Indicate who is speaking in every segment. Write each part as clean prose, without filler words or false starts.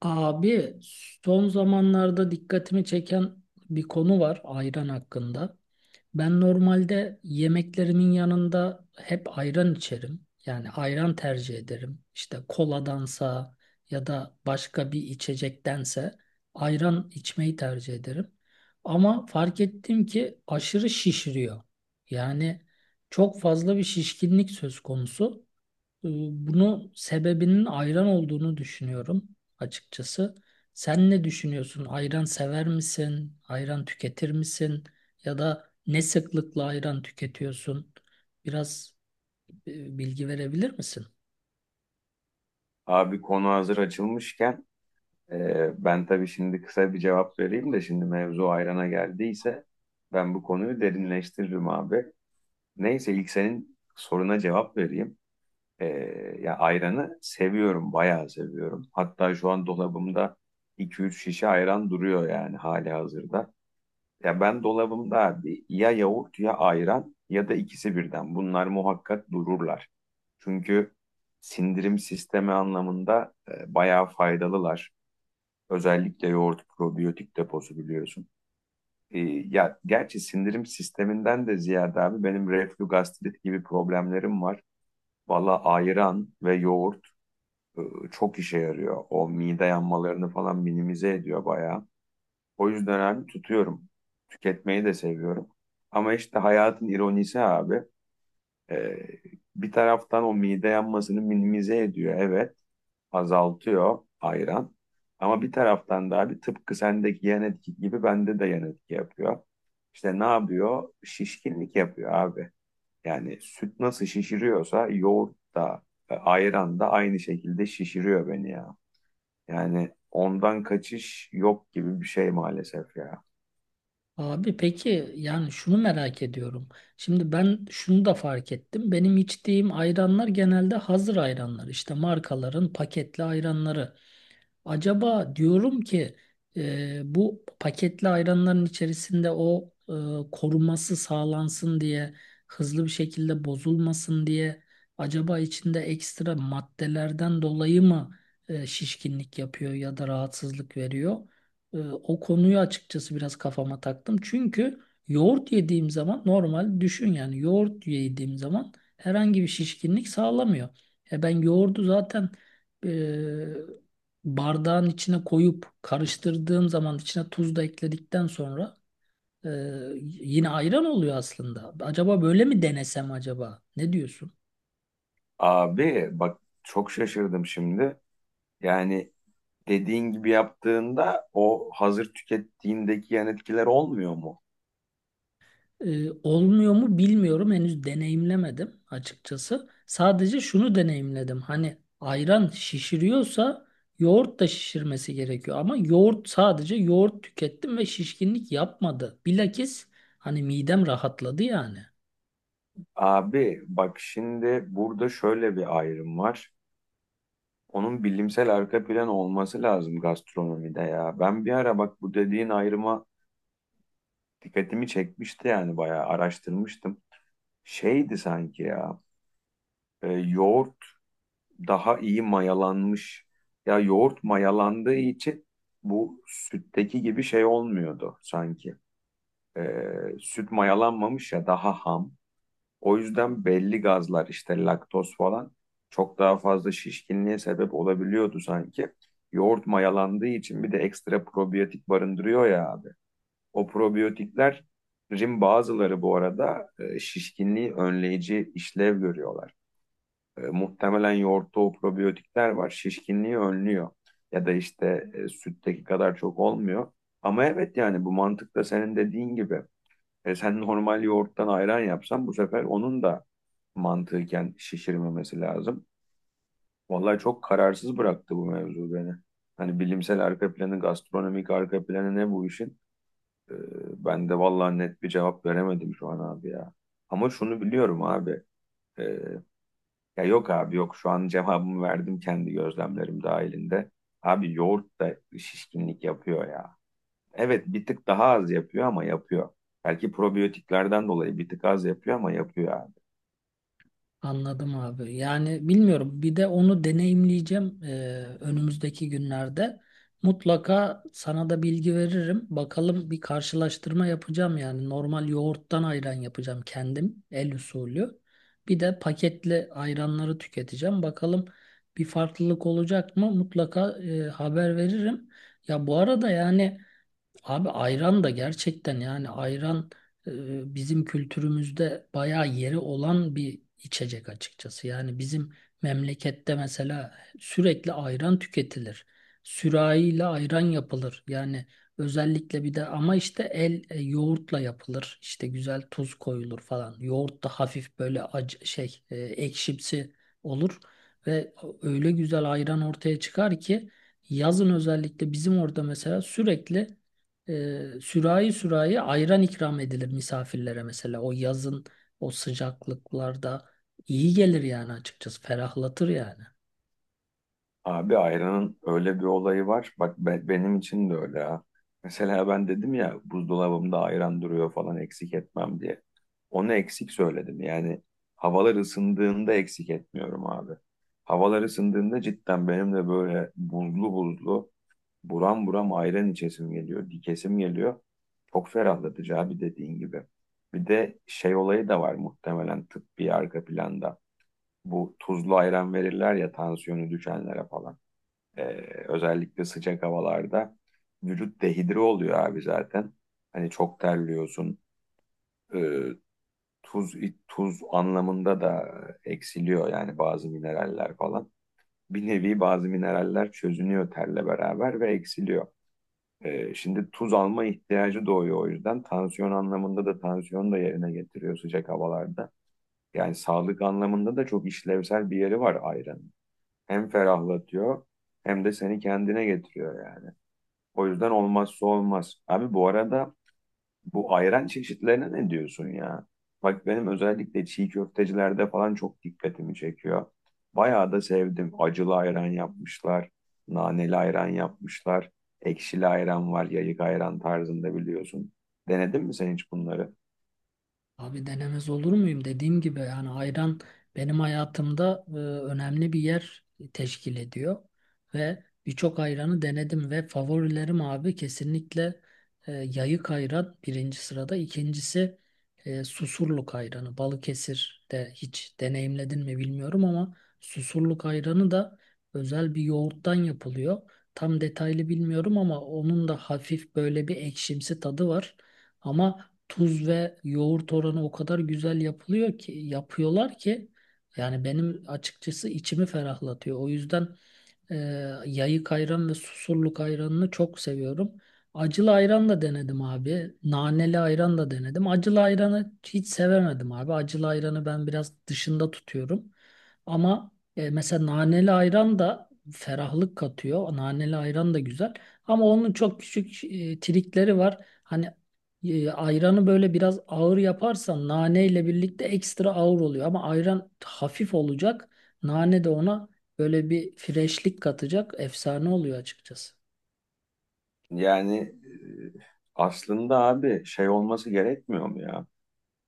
Speaker 1: Abi, son zamanlarda dikkatimi çeken bir konu var ayran hakkında. Ben normalde yemeklerimin yanında hep ayran içerim. Yani ayran tercih ederim. İşte koladansa ya da başka bir içecektense ayran içmeyi tercih ederim. Ama fark ettim ki aşırı şişiriyor. Yani çok fazla bir şişkinlik söz konusu. Bunu sebebinin ayran olduğunu düşünüyorum açıkçası. Sen ne düşünüyorsun? Ayran sever misin? Ayran tüketir misin? Ya da ne sıklıkla ayran tüketiyorsun? Biraz bilgi verebilir misin?
Speaker 2: Abi konu hazır açılmışken, ben tabii şimdi kısa bir cevap vereyim de şimdi mevzu ayrana geldiyse ben bu konuyu derinleştiririm abi. Neyse ilk senin soruna cevap vereyim. E, Ya ayranı seviyorum, bayağı seviyorum. Hatta şu an dolabımda iki üç şişe ayran duruyor yani hali hazırda. Ya ben dolabımda abi ya yoğurt ya ayran ya da ikisi birden. Bunlar muhakkak dururlar. Çünkü sindirim sistemi anlamında bayağı faydalılar. Özellikle yoğurt probiyotik deposu biliyorsun. E, Ya gerçi sindirim sisteminden de ziyade abi benim reflü gastrit gibi problemlerim var. Valla ayran ve yoğurt e, çok işe yarıyor. O mide yanmalarını falan minimize ediyor bayağı. O yüzden abi tutuyorum. Tüketmeyi de seviyorum. Ama işte hayatın ironisi abi. e, Bir taraftan o mide yanmasını minimize ediyor. Evet. Azaltıyor ayran. Ama bir taraftan da abi tıpkı sendeki yan etki gibi bende de yan etki yapıyor. İşte ne yapıyor? Şişkinlik yapıyor abi. Yani süt nasıl şişiriyorsa yoğurt da ayran da aynı şekilde şişiriyor beni ya. Yani ondan kaçış yok gibi bir şey maalesef ya.
Speaker 1: Abi peki, yani şunu merak ediyorum. Şimdi ben şunu da fark ettim. Benim içtiğim ayranlar genelde hazır ayranlar. İşte markaların paketli ayranları. Acaba diyorum ki bu paketli ayranların içerisinde o koruması sağlansın diye, hızlı bir şekilde bozulmasın diye, acaba içinde ekstra maddelerden dolayı mı şişkinlik yapıyor ya da rahatsızlık veriyor? O konuyu açıkçası biraz kafama taktım. Çünkü yoğurt yediğim zaman, normal düşün, yani yoğurt yediğim zaman herhangi bir şişkinlik sağlamıyor. E ben yoğurdu zaten e, bardağın içine koyup karıştırdığım zaman, içine tuz da ekledikten sonra, e, yine ayran oluyor aslında. Acaba böyle mi denesem acaba? Ne diyorsun?
Speaker 2: Abi bak çok şaşırdım şimdi. Yani dediğin gibi yaptığında o hazır tükettiğindeki yan etkiler olmuyor mu?
Speaker 1: Olmuyor mu bilmiyorum. Henüz deneyimlemedim açıkçası. Sadece şunu deneyimledim. Hani ayran şişiriyorsa yoğurt da şişirmesi gerekiyor. Ama yoğurt, sadece yoğurt tükettim ve şişkinlik yapmadı. Bilakis, hani midem rahatladı yani.
Speaker 2: Abi bak şimdi burada şöyle bir ayrım var. Onun bilimsel arka planı olması lazım gastronomide ya. Ben bir ara bak bu dediğin ayrıma dikkatimi çekmişti yani bayağı araştırmıştım. Şeydi sanki ya yoğurt daha iyi mayalanmış. Ya yoğurt mayalandığı için bu sütteki gibi şey olmuyordu sanki. Süt mayalanmamış ya daha ham. O yüzden belli gazlar işte laktoz falan çok daha fazla şişkinliğe sebep olabiliyordu sanki. Yoğurt mayalandığı için bir de ekstra probiyotik barındırıyor ya abi. O probiyotiklerin bazıları bu arada şişkinliği önleyici işlev görüyorlar. Muhtemelen yoğurtta o probiyotikler var. Şişkinliği önlüyor. Ya da işte sütteki kadar çok olmuyor. Ama evet yani bu mantıkla senin dediğin gibi. Sen normal yoğurttan ayran yapsan bu sefer onun da mantıken şişirmemesi lazım. Vallahi çok kararsız bıraktı bu mevzu beni. Hani bilimsel arka planı, gastronomik arka planı ne bu işin? E, Ben de vallahi net bir cevap veremedim şu an abi ya. Ama şunu biliyorum abi. ee, Ya yok abi, yok, şu an cevabımı verdim kendi gözlemlerim dahilinde. Abi yoğurt da şişkinlik yapıyor ya. Evet, bir tık daha az yapıyor ama yapıyor. Belki probiyotiklerden dolayı bir tık az yapıyor ama yapıyor abi.
Speaker 1: Anladım abi. Yani bilmiyorum. Bir de onu deneyimleyeceğim önümüzdeki günlerde. Mutlaka sana da bilgi veririm. Bakalım, bir karşılaştırma yapacağım yani. Normal yoğurttan ayran yapacağım kendim, el usulü. Bir de paketli ayranları tüketeceğim. Bakalım bir farklılık olacak mı? Mutlaka haber veririm. Ya bu arada yani. Abi ayran da gerçekten, yani ayran bizim kültürümüzde bayağı yeri olan bir içecek açıkçası. Yani bizim memlekette mesela sürekli ayran tüketilir. Sürahiyle ayran yapılır. Yani özellikle, bir de ama işte el yoğurtla yapılır. İşte güzel tuz koyulur falan. Yoğurt da hafif böyle acı şey ekşimsi olur ve öyle güzel ayran ortaya çıkar ki yazın özellikle bizim orada mesela sürekli sürahi sürahi ayran ikram edilir misafirlere mesela. O yazın, o sıcaklıklarda iyi gelir yani açıkçası. Ferahlatır yani.
Speaker 2: Abi ayranın öyle bir olayı var. Bak benim için de öyle ha. Mesela ben dedim ya buzdolabımda ayran duruyor falan eksik etmem diye. Onu eksik söyledim. Yani havalar ısındığında eksik etmiyorum abi. Havalar ısındığında cidden benim de böyle buzlu buzlu, buram buram ayran içesim geliyor, dikesim geliyor. Çok ferahlatıcı abi, dediğin gibi. Bir de şey olayı da var muhtemelen tıbbi arka planda. Bu tuzlu ayran verirler ya tansiyonu düşenlere falan. Ee, Özellikle sıcak havalarda vücut dehidre oluyor abi zaten. Hani çok terliyorsun. Ee, tuz tuz anlamında da eksiliyor yani bazı mineraller falan. Bir nevi bazı mineraller çözünüyor terle beraber ve eksiliyor. Şimdi tuz alma ihtiyacı doğuyor o yüzden. Tansiyon anlamında da tansiyonu da yerine getiriyor sıcak havalarda. Yani sağlık anlamında da çok işlevsel bir yeri var ayranın. Hem ferahlatıyor hem de seni kendine getiriyor yani. O yüzden olmazsa olmaz. Abi bu arada bu ayran çeşitlerine ne diyorsun ya? Bak benim özellikle çiğ köftecilerde falan çok dikkatimi çekiyor. Bayağı da sevdim. Acılı ayran yapmışlar, naneli ayran yapmışlar, ekşili ayran var, yayık ayran tarzında biliyorsun. Denedin mi sen hiç bunları?
Speaker 1: Abi denemez olur muyum? Dediğim gibi yani ayran benim hayatımda önemli bir yer teşkil ediyor ve birçok ayranı denedim ve favorilerim abi kesinlikle yayık ayran birinci sırada, ikincisi Susurluk ayranı. Balıkesir'de hiç deneyimledin mi bilmiyorum ama Susurluk ayranı da özel bir yoğurttan yapılıyor. Tam detaylı bilmiyorum ama onun da hafif böyle bir ekşimsi tadı var. Ama tuz ve yoğurt oranı o kadar güzel yapılıyor ki, yapıyorlar ki, yani benim açıkçası içimi ferahlatıyor. O yüzden e, yayık ayran ve Susurluk ayranını çok seviyorum. Acılı ayran da denedim abi. Naneli ayran da denedim. Acılı ayranı hiç sevemedim abi. Acılı ayranı ben biraz dışında tutuyorum. Ama mesela naneli ayran da ferahlık katıyor. Naneli ayran da güzel. Ama onun çok küçük trikleri var. Hani ayranı böyle biraz ağır yaparsan, nane ile birlikte ekstra ağır oluyor, ama ayran hafif olacak. Nane de ona böyle bir freşlik katacak. Efsane oluyor açıkçası.
Speaker 2: Yani aslında abi şey olması gerekmiyor mu ya?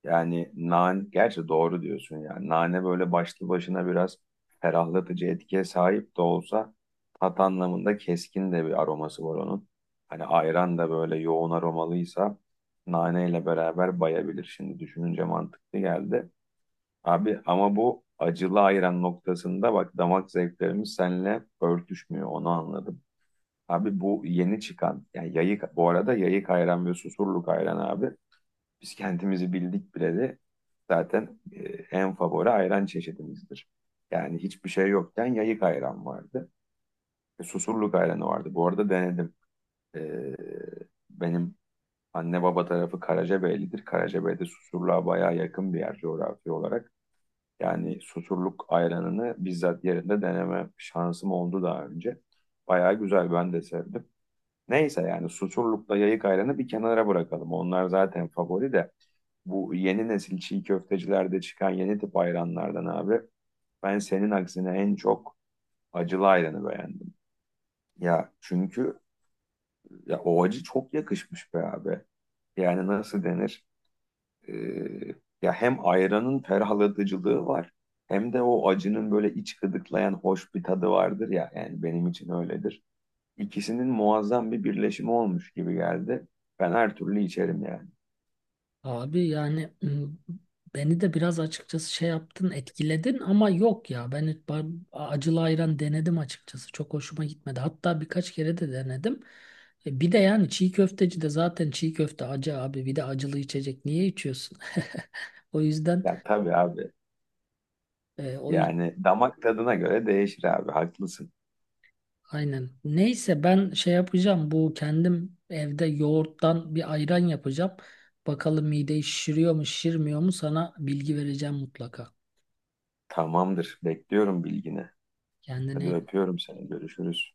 Speaker 2: Yani nane, gerçi doğru diyorsun yani. Nane böyle başlı başına biraz ferahlatıcı etkiye sahip de olsa tat anlamında keskin de bir aroması var onun. Hani ayran da böyle yoğun aromalıysa naneyle beraber bayabilir. Şimdi düşününce mantıklı geldi. Abi ama bu acılı ayran noktasında bak damak zevklerimiz seninle örtüşmüyor, onu anladım. Abi bu yeni çıkan yani yayık, bu arada yayık ayran ve susurluk ayran abi biz kendimizi bildik bileli zaten en favori ayran çeşidimizdir. Yani hiçbir şey yokken yayık ayran vardı. Susurluk ayranı vardı. Bu arada denedim. E, Benim anne baba tarafı Karacabeylidir. Karacabey'de Susurluğa bayağı yakın bir yer coğrafi olarak. Yani Susurluk ayranını bizzat yerinde deneme şansım oldu daha önce. Bayağı güzel, ben de sevdim. Neyse yani Susurluk'la Yayık Ayran'ı bir kenara bırakalım. Onlar zaten favori de. Bu yeni nesil çiğ köftecilerde çıkan yeni tip ayranlardan abi ben senin aksine en çok acılı ayranı beğendim. Ya çünkü ya o acı çok yakışmış be abi. Yani nasıl denir? Ee, Ya hem ayranın ferahlatıcılığı var hem de o acının böyle iç gıdıklayan hoş bir tadı vardır ya. Yani benim için öyledir. İkisinin muazzam bir birleşimi olmuş gibi geldi. Ben her türlü içerim yani.
Speaker 1: Abi yani beni de biraz açıkçası şey yaptın, etkiledin, ama yok ya. Ben hiç acılı ayran denedim açıkçası. Çok hoşuma gitmedi. Hatta birkaç kere de denedim. Bir de yani çiğ köfteci de zaten çiğ köfte acı abi. Bir de acılı içecek. Niye içiyorsun? O yüzden
Speaker 2: Ya tabii abi.
Speaker 1: e, o
Speaker 2: Yani damak tadına göre değişir abi. Haklısın.
Speaker 1: Aynen. Neyse, ben şey yapacağım. Bu, kendim evde yoğurttan bir ayran yapacağım. Bakalım mideyi şişiriyor mu, şişirmiyor mu, sana bilgi vereceğim mutlaka.
Speaker 2: Tamamdır. Bekliyorum bilgini. Hadi
Speaker 1: Kendine
Speaker 2: öpüyorum seni. Görüşürüz.